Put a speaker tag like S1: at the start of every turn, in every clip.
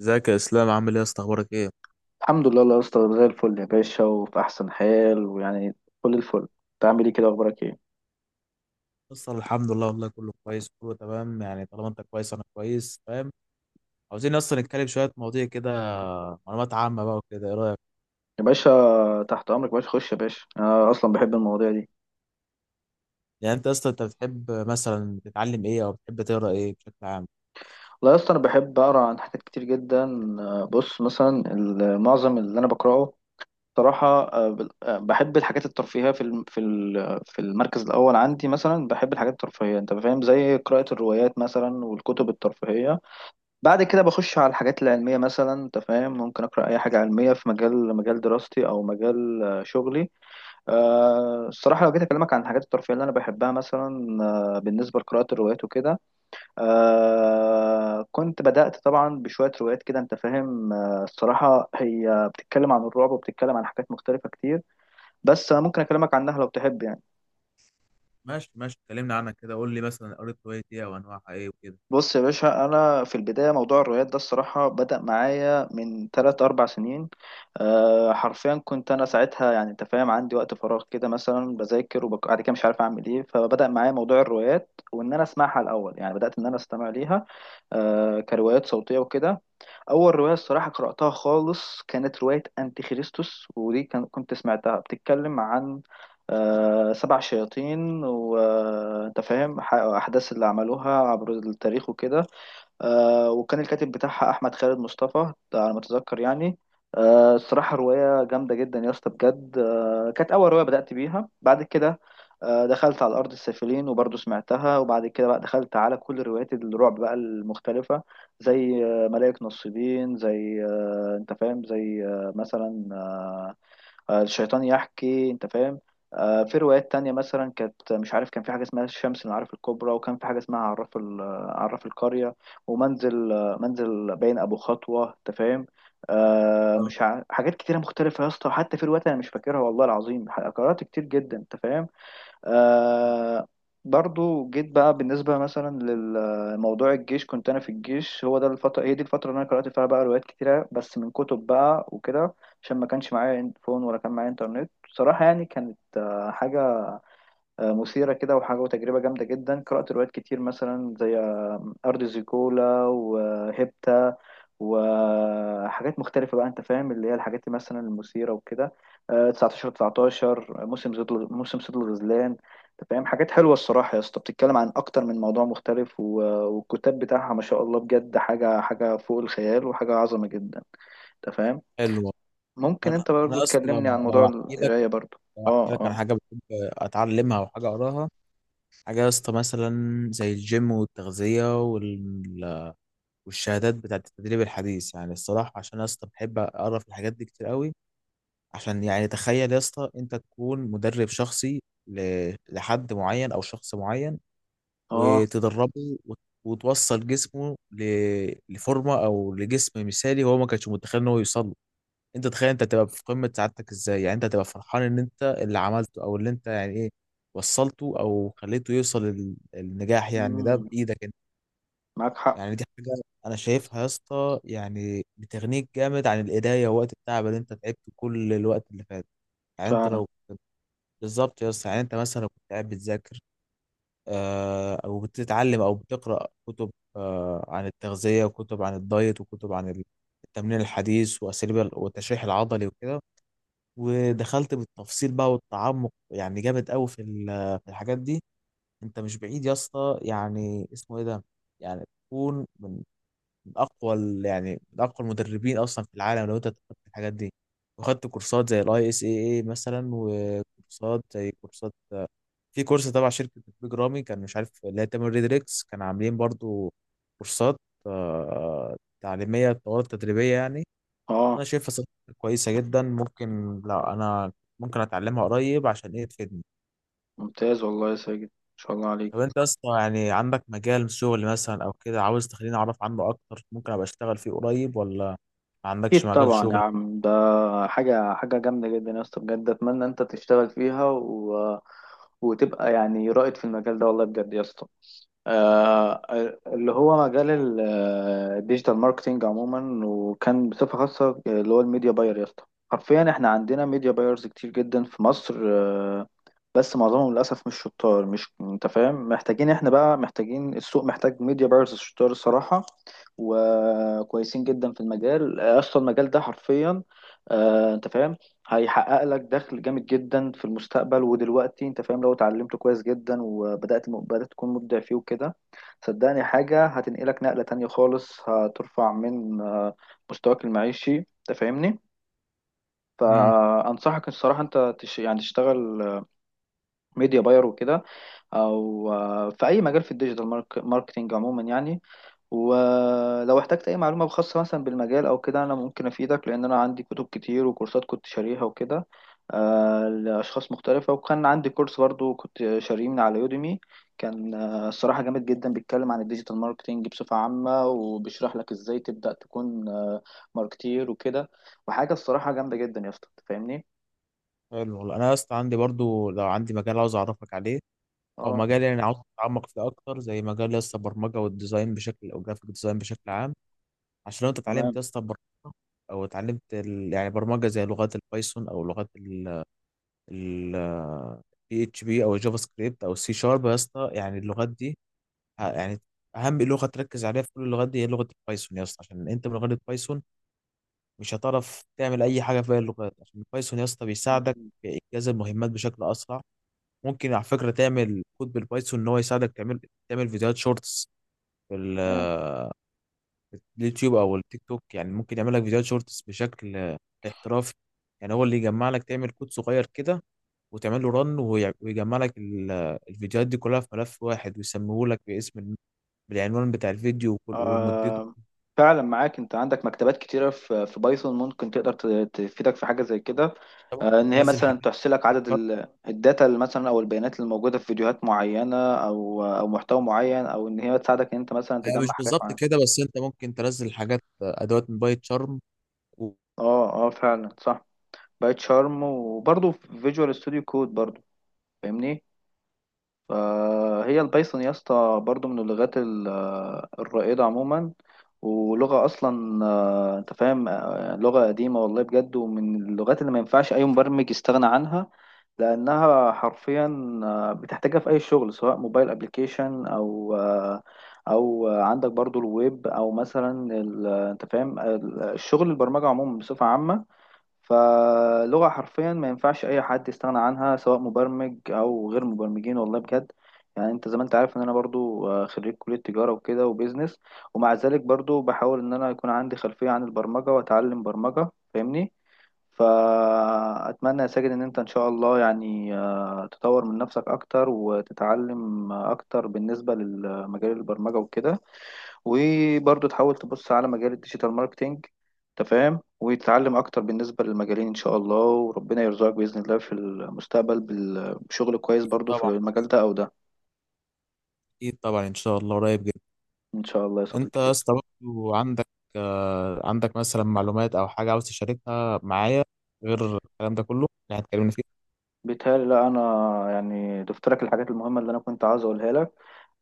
S1: ازيك يا اسلام؟ عامل ايه يا اسطى؟ اخبارك ايه؟
S2: الحمد لله الله يا اسطى، زي الفل يا باشا، وفي احسن حال. ويعني كل الفل. انت عامل ايه كده؟ اخبارك ايه
S1: بص، الحمد لله والله، كله كويس، كله تمام. يعني طالما انت كويس انا كويس، فاهم؟ عاوزين اصلا نتكلم شويه مواضيع كده، معلومات عامه بقى وكده. ايه رايك؟
S2: يا باشا؟ تحت امرك يا باشا، خش يا باشا، انا اصلا بحب المواضيع دي.
S1: يعني انت اصلا انت بتحب مثلا تتعلم ايه، او بتحب تقرا ايه بشكل عام؟
S2: والله يا اسطى انا بحب اقرا عن حاجات كتير جدا. بص، مثلا معظم اللي انا بقراه صراحة، بحب الحاجات الترفيهية. في المركز الأول عندي مثلا بحب الحاجات الترفيهية، أنت فاهم، زي قراءة الروايات مثلا والكتب الترفيهية. بعد كده بخش على الحاجات العلمية مثلا، انت فاهم، ممكن أقرأ أي حاجة علمية في مجال دراستي، أو مجال شغلي. الصراحة لو جيت أكلمك عن الحاجات الترفيهية اللي أنا بحبها مثلا، بالنسبة لقراءة الروايات وكده، كنت بدأت طبعا بشوية روايات كده، أنت فاهم. الصراحة هي بتتكلم عن الرعب وبتتكلم عن حاجات مختلفة كتير. بس أنا ممكن أكلمك عنها لو تحب يعني.
S1: ماشي ماشي، اتكلمنا عنها كده. قول لي مثلا قريت رواية ايه وانواعها ايه وكده.
S2: بص يا باشا، انا في البدايه موضوع الروايات ده الصراحه بدا معايا من 3 4 سنين. حرفيا كنت انا ساعتها، يعني انت فاهم، عندي وقت فراغ كده، مثلا بذاكر وبعد كده مش عارف اعمل ايه، فبدا معايا موضوع الروايات، وان انا اسمعها الاول. يعني بدات ان انا استمع ليها كروايات صوتيه وكده. اول روايه الصراحه قراتها خالص كانت روايه انتي خريستوس، ودي كان كنت سمعتها بتتكلم عن 7 شياطين، وانت فاهم، احداث اللي عملوها عبر التاريخ وكده. وكان الكاتب بتاعها احمد خالد مصطفى ده، على ما اتذكر يعني. الصراحه روايه جامده جدا يا اسطى بجد. كانت اول روايه بدات بيها. بعد كده دخلت على ارض السافلين، وبرضه سمعتها. وبعد كده بقى دخلت على كل روايات الرعب بقى المختلفه، زي ملائك نصيبين، زي انت فاهم، زي آه، مثلا آه، آه، الشيطان يحكي، انت فاهم. في روايات تانية مثلا، كانت مش عارف، كان في حاجة اسمها الشمس العارف الكبرى، وكان في حاجة اسمها عراف القرية، ومنزل آه، منزل باين أبو خطوة، انت فاهم. آه،
S1: آه.
S2: مش ع... حاجات كتيرة مختلفة يا اسطى، حتى في روايات أنا مش فاكرها والله العظيم. قرأت كتير جدا، انت فاهم. آه برضو جيت بقى بالنسبة مثلا للموضوع الجيش. كنت أنا في الجيش، هو ده الفترة، هي دي الفترة اللي أنا قرأت فيها بقى روايات كتيرة، بس من كتب بقى وكده، عشان ما كانش معايا فون ولا كان معايا إنترنت، بصراحة يعني. كانت حاجة مثيرة كده، وحاجة وتجربة جامدة جدا. قرأت روايات كتير مثلا زي أرض زيكولا، وهيبتا، وحاجات مختلفة بقى، أنت فاهم، اللي هي الحاجات دي مثلا المثيرة وكده. 19 موسم صيد الغزلان. أنت فاهم، حاجات حلوة الصراحة يا اسطى، بتتكلم عن أكتر من موضوع مختلف. والكتاب بتاعها ما شاء الله بجد، حاجة فوق الخيال، وحاجة عظمة جدا، أنت فاهم.
S1: حلو.
S2: ممكن
S1: انا
S2: أنت برضو
S1: انا اصلا
S2: تكلمني عن موضوع
S1: لو احكي لك
S2: القراية برضو.
S1: لو
S2: أه،
S1: احكي لك عن
S2: أه،
S1: حاجه بحب اتعلمها او حاجه اقراها، حاجه يا اسطى مثلا زي الجيم والتغذيه والشهادات بتاعت التدريب الحديث يعني. الصراحة عشان يا اسطى بحب أقرأ في الحاجات دي كتير قوي. عشان يعني تخيل يا اسطى، أنت تكون مدرب شخصي لحد معين أو شخص معين،
S2: أه.
S1: وتدربه وتوصل جسمه لفورمة أو لجسم مثالي هو ما كانش متخيل إن هو يوصل له. أنت تخيل أنت تبقى في قمة سعادتك إزاي؟ يعني أنت تبقى فرحان إن أنت اللي عملته أو اللي أنت يعني إيه، وصلته أو خليته يوصل للنجاح. يعني ده
S2: مم،
S1: بإيدك.
S2: معاك حق،
S1: يعني دي حاجة أنا شايفها يا اسطى يعني بتغنيك جامد عن الإيديا ووقت التعب اللي أنت تعبته كل الوقت اللي فات. يعني
S2: فعلا.
S1: بالظبط يا اسطى. يعني أنت مثلا لو كنت قاعد بتذاكر، أو بتتعلم أو بتقرأ كتب عن التغذية وكتب عن الدايت وكتب عن التمرين الحديث وأساليب والتشريح العضلي وكده، ودخلت بالتفصيل بقى والتعمق يعني جامد أوي في الحاجات دي، أنت مش بعيد يا اسطى يعني اسمه إيه ده، يعني تكون من اقوى يعني من اقوى المدربين اصلا في العالم لو انت خدت الحاجات دي، وخدت كورسات زي الاي اس اي اي مثلا، وكورسات زي كورسات في كورس تبع شركه بيج رامي، كان مش عارف اللي هي تامر ريدريكس، كان عاملين برضو كورسات تعليميه، دورات تدريبيه يعني. انا
S2: اه،
S1: شايفها صراحة كويسه جدا. ممكن، لا، انا ممكن اتعلمها قريب عشان ايه تفيدني.
S2: ممتاز والله يا ساجد، ما شاء الله عليك.
S1: طب انت اصلا يعني عندك مجال شغل مثلا او كده عاوز تخليني اعرف عنه اكتر ممكن ابقى اشتغل فيه قريب، ولا ما عندكش
S2: اكيد
S1: مجال
S2: طبعا يا
S1: شغل؟
S2: عم، ده حاجه جامده جدا يا اسطى بجد، اتمنى انت تشتغل فيها وتبقى يعني رائد في المجال ده، والله بجد يا اسطى. آه، اللي هو مجال الديجيتال ماركتينج عموما، وكان بصفة خاصة اللي هو الميديا باير يا اسطى. حرفيا احنا عندنا ميديا بايرز كتير جدا في مصر، بس معظمهم للأسف مش شطار، مش انت فاهم. محتاجين، احنا بقى محتاجين، السوق محتاج ميديا بايرز شطار الصراحة، وكويسين جدا في المجال. اصلا المجال ده حرفيا انت فاهم هيحقق لك دخل جامد جدا في المستقبل ودلوقتي، انت فاهم، لو اتعلمته كويس جدا وبدأت تكون مبدع فيه وكده. صدقني حاجة هتنقلك نقلة تانية خالص، هترفع من مستواك المعيشي، انت فاهمني.
S1: امم
S2: فأنصحك الصراحة انت يعني تشتغل ميديا باير وكده، او في اي مجال في ماركتينج عموما يعني. ولو احتجت اي معلومه خاصه مثلا بالمجال او كده، انا ممكن افيدك، لان انا عندي كتب كتير وكورسات كنت شاريها وكده لاشخاص مختلفه، وكان عندي كورس برضو كنت شاريه من على يوديمي، كان الصراحه جامد جدا، بيتكلم عن الديجيتال ماركتينج بصفه عامه، وبيشرح لك ازاي تبدا تكون ماركتير وكده. وحاجه الصراحه جامده جدا يا اسطى، أنت فاهمني.
S1: حلو والله. انا اصلا عندي برضو لو عندي مجال عاوز اعرفك عليه، او
S2: اه،
S1: مجال يعني عاوز اتعمق فيه اكتر، زي مجال لسه البرمجه والديزاين بشكل، او جرافيك ديزاين بشكل عام. عشان لو انت اتعلمت
S2: تمام.
S1: لسه برمجه، او اتعلمت يعني برمجه زي لغات البايثون، او لغات ال بي اتش بي، او الجافا سكريبت، او السي شارب يا اسطى. يعني اللغات دي، يعني اهم لغه تركز عليها في كل اللغات دي هي لغه البايثون يا اسطى. عشان انت من غير البايثون مش هتعرف تعمل اي حاجه في باقي اللغات، عشان البايثون يا اسطى بيساعدك
S2: مم.
S1: في انجاز المهمات بشكل اسرع. ممكن على فكره تعمل كود بالبايثون ان هو يساعدك تعمل فيديوهات شورتس في
S2: تمام.
S1: اليوتيوب او التيك توك. يعني ممكن يعمل لك فيديوهات شورتس بشكل احترافي. يعني هو اللي يجمع لك تعمل كود صغير كده، وتعمل له رن، ويجمع لك الفيديوهات دي كلها في ملف واحد، ويسميه لك باسم بالعنوان بتاع الفيديو ومدته.
S2: آه، فعلا معاك. انت عندك مكتبات كتيرة في بايثون، ممكن تقدر تفيدك في حاجة زي كده.
S1: انت
S2: آه،
S1: ممكن
S2: ان هي
S1: تنزل حاجات
S2: مثلا تحصي لك
S1: بايت
S2: عدد
S1: شارم.
S2: الداتا اللي مثلا، او البيانات اللي موجودة في فيديوهات معينة، او محتوى معين، او ان هي تساعدك ان انت مثلا
S1: لا،
S2: تجمع
S1: مش
S2: حاجات
S1: بالظبط
S2: معينة.
S1: كده، بس انت ممكن تنزل حاجات، ادوات من بايت شارم و-
S2: اه، اه، فعلا صح، بايت شارم، وبرضه في فيجوال ستوديو كود برضه، فاهمني. فهي البايثون يا اسطى برضو من الرائدة عموما، ولغة أصلا، أنت فاهم، لغة قديمة والله بجد، ومن اللغات اللي ما ينفعش أي مبرمج يستغنى عنها، لأنها حرفيا بتحتاجها في أي شغل، سواء موبايل أبليكيشن، أو عندك برضو الويب، أو مثلا أنت فاهم الشغل، البرمجة عموما بصفة عامة. فلغة حرفيا ما ينفعش أي حد يستغنى عنها، سواء مبرمج أو غير مبرمجين، والله بجد. يعني أنت زي ما أنت عارف إن أنا برضو خريج كلية تجارة وكده، وبيزنس، ومع ذلك برضو بحاول إن أنا يكون عندي خلفية عن البرمجة، وأتعلم برمجة، فاهمني. فأتمنى يا ساجد إن أنت إن شاء الله يعني تطور من نفسك أكتر، وتتعلم أكتر بالنسبة لمجال البرمجة وكده، وبرضه تحاول تبص على مجال الديجيتال ماركتينج، انت فاهم، وتتعلم اكتر بالنسبه للمجالين ان شاء الله. وربنا يرزقك باذن الله في المستقبل بشغل كويس برضه في
S1: طبعا.
S2: المجال ده او ده،
S1: اكيد طبعا، ان شاء الله قريب جدا.
S2: ان شاء الله يا
S1: انت
S2: صديقي
S1: يا
S2: بإذن
S1: اسطى
S2: الله.
S1: برضه عندك مثلا معلومات او حاجه عاوز تشاركها معايا غير الكلام ده كله اللي هتكلمنا فيه؟
S2: بيتهيألي لا، انا يعني ضفت لك الحاجات المهمه اللي انا كنت عاوز اقولها لك،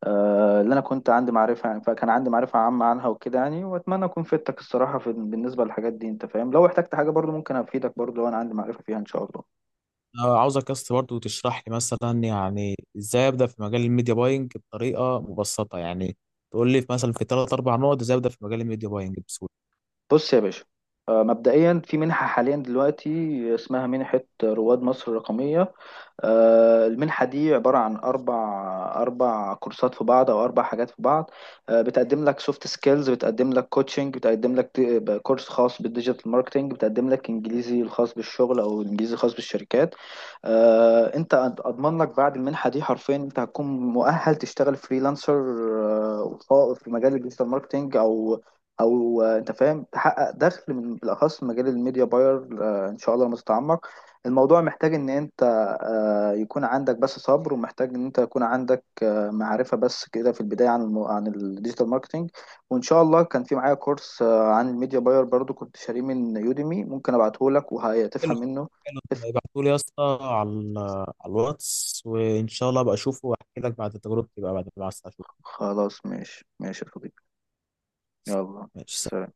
S2: اللي انا كنت عندي معرفه، يعني فكان عندي معرفه عامه عنها وكده يعني. واتمنى اكون فدتك الصراحه في بالنسبه للحاجات دي، انت فاهم. لو احتجت حاجه برضه ممكن افيدك برضه لو انا عندي معرفه فيها ان شاء الله.
S1: أنا عاوزك يا اسطى برضه تشرح لي مثلا يعني ازاي ابدا في مجال الميديا باينج بطريقه مبسطه، يعني تقول لي مثلا في ثلاث اربع نقط ازاي ابدا في مجال الميديا باينج بسهوله.
S2: بص يا باشا، مبدئيا في منحة حاليا دلوقتي اسمها منحة رواد مصر الرقمية. المنحة دي عبارة عن 4 كورسات في بعض، أو 4 حاجات في بعض. بتقدم لك سوفت سكيلز، بتقدم لك كوتشنج، بتقدم لك كورس خاص بالديجيتال ماركتنج، بتقدم لك إنجليزي الخاص بالشغل، أو الإنجليزي الخاص بالشركات. أنت، أضمن لك بعد المنحة دي حرفيا أنت هتكون مؤهل تشتغل فريلانسر في مجال الديجيتال ماركتنج، أو أنت فاهم تحقق دخل، من بالأخص في مجال الميديا باير. إن شاء الله لما تتعمق. الموضوع محتاج إن أنت يكون عندك بس صبر، ومحتاج ان انت يكون عندك معرفة، بس كده في البداية، عن عن الديجيتال ماركتينج. وان شاء الله كان في معايا كورس عن الميديا باير برضو، كنت شاريه من يوديمي، ممكن ابعته لك
S1: حلو.
S2: وهتفهم منه،
S1: حلو.
S2: تفهم.
S1: ابعتوا لي يا اسطى على على الواتس، وان شاء الله ابقى اشوفه واحكي لك بعد تجربتي بقى بعد ما اشوفه.
S2: خلاص، ماشي ماشي يا صديقي. يلا،
S1: ماشي.
S2: سلام.